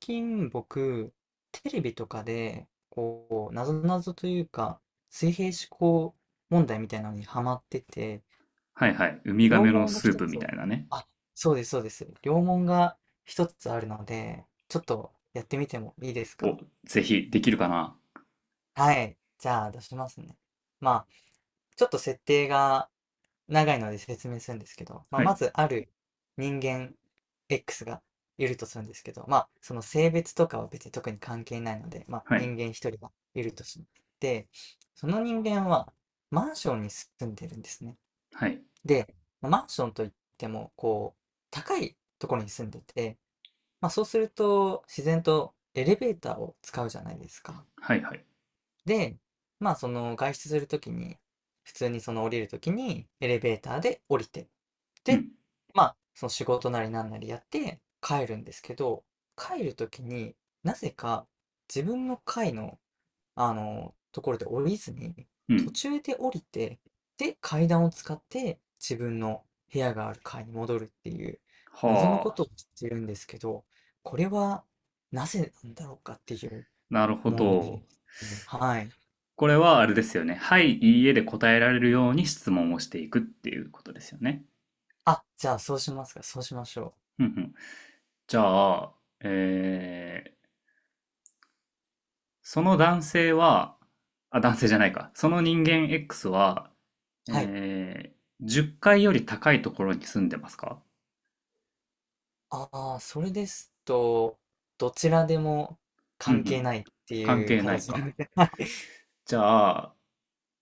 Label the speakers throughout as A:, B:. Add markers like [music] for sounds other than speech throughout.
A: 近僕、テレビとかで、なぞなぞというか、水平思考問題みたいなのにハマってて、
B: はいはい。ウミガ
A: 両
B: メの
A: 門が
B: スー
A: 一
B: プみ
A: つ、
B: たいなね。
A: あ、そうです、そうです。両門が一つあるので、ちょっとやってみてもいいです
B: を、
A: か。
B: ぜひ、できるかな。
A: はい。じゃあ出しますね。まあ、ちょっと設定が長いので説明するんですけど、
B: は
A: ま
B: い、
A: ずある人間 X がいるとするんですけど、その性別とかは別に特に関係ないので、
B: は
A: 人
B: い、
A: 間一人がいるとして、その人間はマンションに住んでるんですね。
B: はい、
A: で、マンションといっても、高いところに住んでて、そうすると自然とエレベーターを使うじゃないですか。
B: はい、はい。
A: で、その外出するときに、普通にその降りるときにエレベーターで降りて、
B: う
A: で、
B: ん、
A: その仕事なりなんなりやって帰るんですけど、帰るときになぜか自分の階の、ところで降りずに、
B: う
A: 途
B: ん。
A: 中で降りて、で、階段を使って自分の部屋がある階に戻るっていう謎のこ
B: はあ。
A: とをしてるんですけど、これはなぜなんだろうかっていう
B: なるほ
A: 問題
B: ど。
A: ですね。はい。
B: これはあれですよね。はい、いいえで答えられるように質問をしていくっていうことですよね。
A: あ、じゃあそうしますか。そうしましょ
B: うんうん。じゃあ、えー、その男性は、あ、男性じゃないか。その人間 X は、
A: う。はい。
B: え10階より高いところに住んでますか？
A: ああ、それですと、どちらでも
B: うんう
A: 関係
B: ん。
A: ないって
B: 関
A: いう
B: 係ない
A: 形です
B: か。
A: ね。[laughs] はい。
B: じゃあ、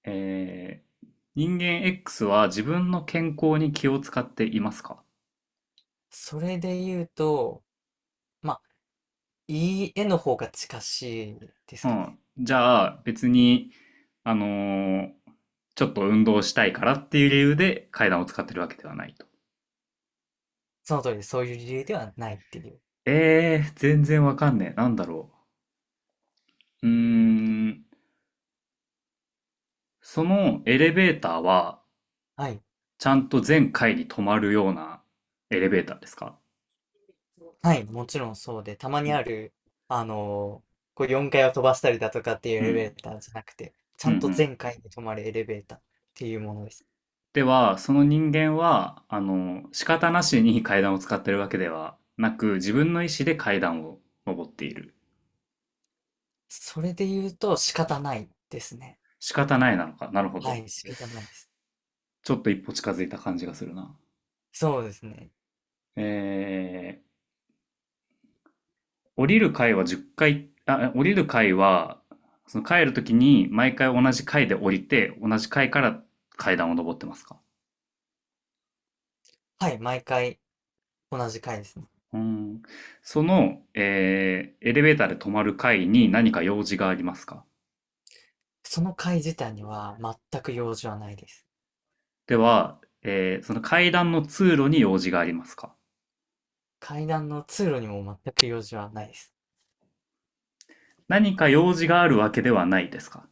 B: えー人間 X は自分の健康に気を使っていますか？
A: それで言うと、まあ、いい絵の方が近しいです
B: う
A: か
B: ん。
A: ね。
B: じゃあ別に、あのーちょっと運動したいからっていう理由で階段を使ってるわけではないと。
A: その通りです、そういう理由ではないっていう。
B: 全然わかんねえ。なんだろう。そのエレベーターは
A: はい。
B: ちゃんと全階に止まるようなエレベーターですか？
A: はい、もちろんそうで、たま
B: う
A: に
B: ん。
A: ある、4階を飛ばしたりだとかっていうエ
B: う
A: レベ
B: ん。
A: ーターじゃなくて、ち
B: う
A: ゃ
B: んう
A: んと
B: ん。
A: 全階に止まるエレベーターっていうものです。
B: では、その人間は、仕方なしに階段を使ってるわけではなく、自分の意思で階段を登っている。
A: それで言うと仕方ないですね。
B: 仕方ないなのか。なるほ
A: は
B: ど。
A: い、仕方ないです。
B: ちょっと一歩近づいた感じがするな。
A: そうですね。
B: え降りる階は10階、あ、降りる階は、その帰るときに毎回同じ階で降りて、同じ階から階段を登ってますか？
A: はい、毎回同じ階ですね。
B: うーん。エレベーターで止まる階に何か用事がありますか？
A: その階自体には全く用事はないです。
B: では、その階段の通路に用事がありますか？
A: 階段の通路にも全く用事はないです。
B: 何か用事があるわけではないですか？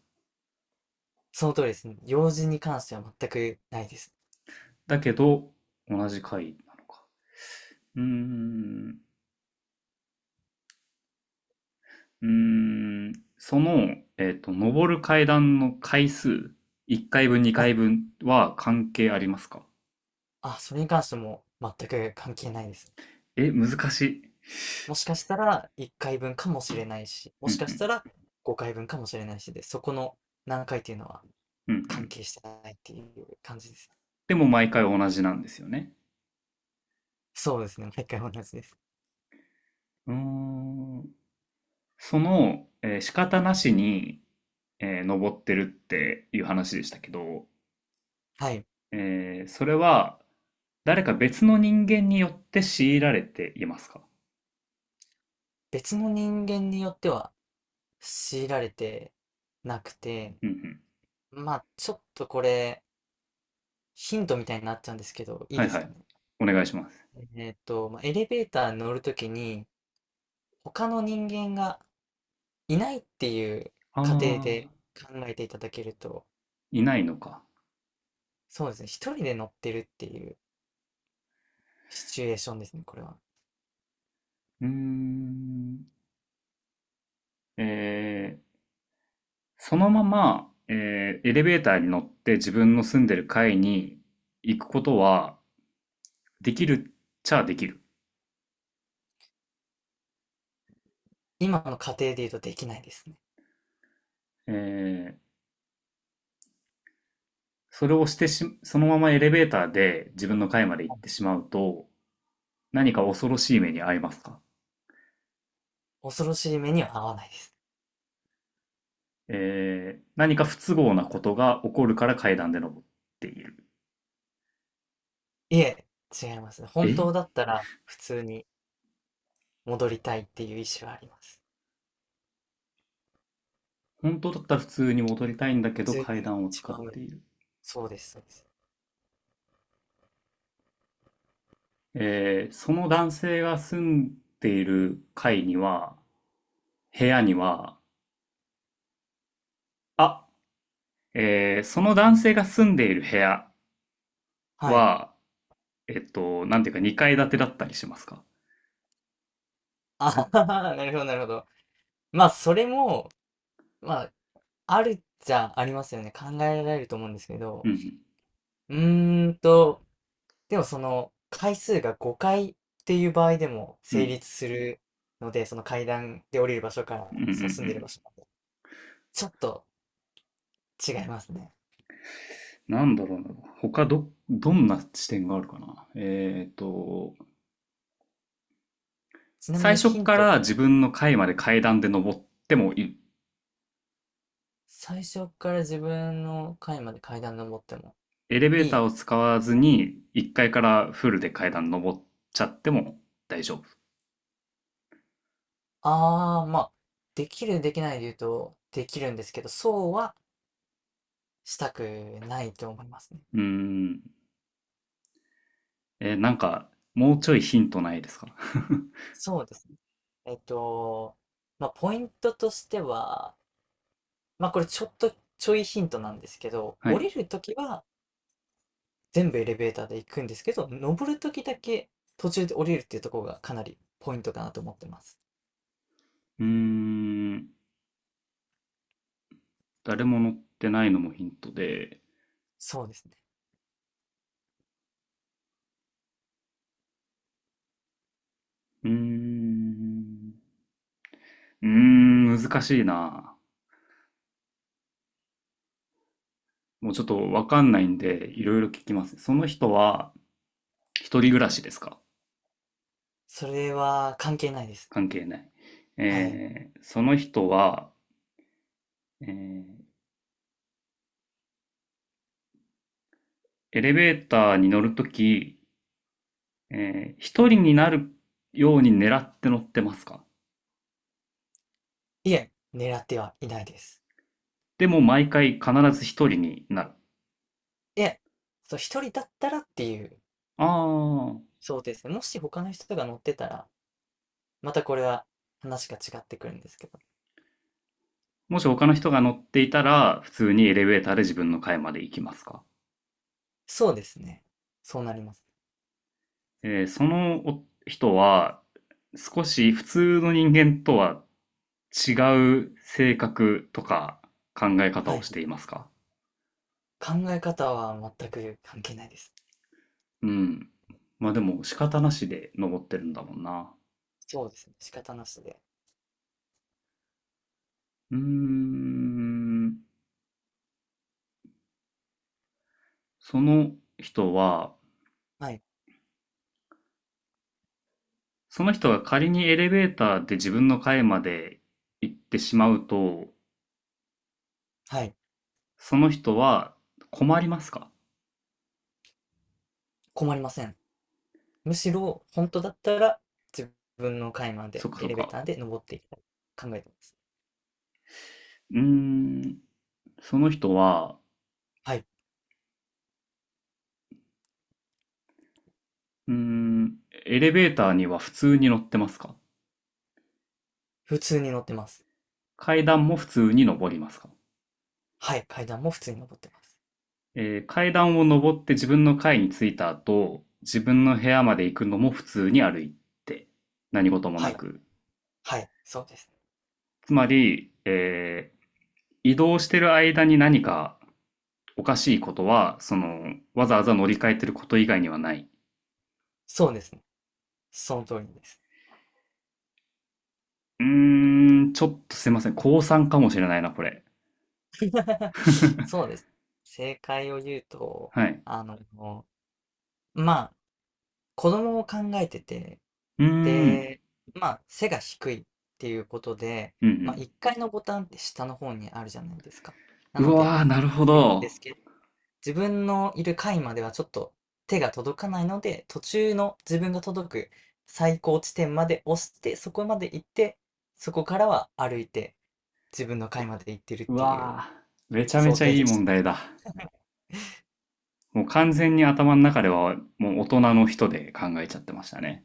A: その通りですね。用事に関しては全くないです。
B: だけど、同じ階なのか。うーん、うーん、上る階段の回数、1回分、2
A: はい。
B: 回分は関係ありますか？
A: あ、それに関しても全く関係ないです。
B: え、難しい。
A: もしかしたら1回分かもしれないし、も
B: うんう
A: しかした
B: ん、
A: ら5回分かもしれないしで、そこの何回っていうのは
B: うんう
A: 関
B: ん。
A: 係してないっていう感じです。
B: でも毎回同じなんですよね。
A: そうですね、毎回同じです。
B: うーん、仕方なしに、登ってるっていう話でしたけど、
A: はい。
B: それは誰か別の人間によって強いられていますか？
A: 別の人間によっては強いられてなくて、
B: うんうん。
A: ちょっとこれ、ヒントみたいになっちゃうんですけど、いい
B: はい
A: で
B: は
A: すか
B: い。
A: ね。
B: お願いします。
A: エレベーターに乗るときに、他の人間がいないっていう
B: あ
A: 仮定で
B: あ、
A: 考えていただけると、
B: いないのか。
A: そうですね、一人で乗ってるっていうシチュエーションですね、これは。
B: うーん。えー、そのまま、エレベーターに乗って自分の住んでる階に行くことはできるっちゃできる。
A: 今の仮定で言うとできないですね。
B: えー、それをしてし、そのままエレベーターで自分の階まで行
A: は
B: って
A: い。
B: しまうと、何か恐ろしい目に遭いますか？
A: 恐ろしい目には合わないです。
B: 何か不都合なことが起こるから階段で登っている。
A: いえ、違いますね。本
B: え
A: 当だったら、普通に戻りたいっていう意思はあります。
B: 本当だったら普通に戻りたいんだけ
A: 普
B: ど
A: 通
B: 階
A: に
B: 段を
A: 一
B: 使
A: 番
B: っ
A: 上、
B: ている。
A: そうです、そうです。
B: その男性が住んでいる階には、部屋には、あ、その男性が住んでいる部屋
A: はい。
B: は、なんていうか2階建てだったりしますか？
A: [laughs] あはははなるほど、なるほど。それも、まあ、あるっちゃありますよね。考えられると思うんですけ
B: う
A: ど。
B: ん
A: うーんと、でもその、回数が5回っていう場合でも
B: う
A: 成
B: ん、
A: 立するので、その階段で降りる場所か
B: うん、うん、
A: ら、
B: うん、う
A: その住んでる
B: ん。
A: 場所。ちょっと違いますね。
B: なんだろうな。どんな視点があるかな。
A: ちなみ
B: 最
A: に
B: 初
A: ヒン
B: か
A: ト、
B: ら自分の階まで階段で登ってもいい。
A: 最初から自分の階まで階段登っても
B: エレベ
A: い
B: ーター
A: い。
B: を使わず
A: はい、
B: に、1階からフルで階段登っちゃっても大丈夫。
A: ああ、できる、できないで言うと、できるんですけど、そうはしたくないと思いますね。
B: うーん。なんか、もうちょいヒントないですか？ [laughs]
A: そうですね。えっと、ポイントとしては、これちょいヒントなんですけど、
B: は
A: 降
B: い。
A: りるときは全部エレベーターで行くんですけど、登るときだけ途中で降りるっていうところがかなりポイントかなと思ってます。
B: うーん。誰も乗ってないのもヒントで。
A: そうですね。
B: うーん。難しいな。もうちょっとわかんないんで、いろいろ聞きます。その人は、一人暮らしですか？
A: それは関係ないです。
B: 関係ない。
A: はい。
B: その人は、えーエレベーターに乗るとき、一人になるように狙って乗ってますか？
A: いえ、狙ってはいないです。
B: でも毎回必ず一人になる。
A: いえ、そう、一人だったらっていう
B: ああ、
A: 想定ですね。もし他の人が乗ってたら、またこれは話が違ってくるんですけど。
B: もし他の人が乗っていたら、普通にエレベーターで自分の階まで行きますか？
A: そうですね。そうなります。
B: そのお人は、少し普通の人間とは違う性格とか考え方
A: は
B: を
A: い。
B: していますか？
A: 考え方は全く関係ないです。
B: うん。まあでも仕方なしで登ってるんだもんな。
A: そうですね、仕方なしで。
B: うーん。その人は、
A: はい。
B: その人が仮にエレベーターで自分の階まで行ってしまうと、
A: はい。
B: その人は困りますか？
A: 困りません。むしろ、本当だったら、自分の階ま
B: そ
A: で
B: っか
A: エ
B: そっ
A: レベー
B: か。
A: ターで登っていきたい、考えてます。
B: うーん、その人は、
A: はい。
B: うーん、エレベーターには普通に乗ってますか？
A: 普通に乗ってます。
B: 階段も普通に登りますか？
A: はい、階段も普通に登ってます。
B: 階段を登って自分の階に着いた後、自分の部屋まで行くのも普通に歩いて、何事も
A: は
B: な
A: い、
B: く。
A: はい、そうですね。
B: つまり、移動してる間に何かおかしいことは、わざわざ乗り換えてること以外にはない。
A: そうですね。その通りです。
B: ちょっとすいません。高3かもしれないな、これ。
A: [laughs] そう
B: [laughs]
A: です。正解を言うと、
B: はい。
A: あの、まあ、子供を考えてて
B: うーん、
A: で、背が低いっていうことで、
B: うん
A: 1階のボタンって下の方にあるじゃないですか。な
B: うん。う
A: ので、
B: わー、なるほ
A: いるんで
B: ど。
A: すけど、自分のいる階まではちょっと手が届かないので、途中の自分が届く最高地点まで押して、そこまで行って、そこからは歩いて自分の階まで行ってるっ
B: う
A: ていう
B: わー、めちゃめ
A: 想
B: ちゃ
A: 定
B: いい
A: です。
B: 問題だ。もう完全に頭の中ではもう大人の人で考えちゃってましたね。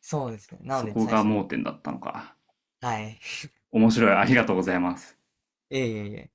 A: そうですね。なの
B: そ
A: で、
B: こ
A: 最
B: が
A: 初に。
B: 盲点だったのか。
A: はい。[laughs]
B: 面白い。ありがとうございます。
A: いえいえいえ。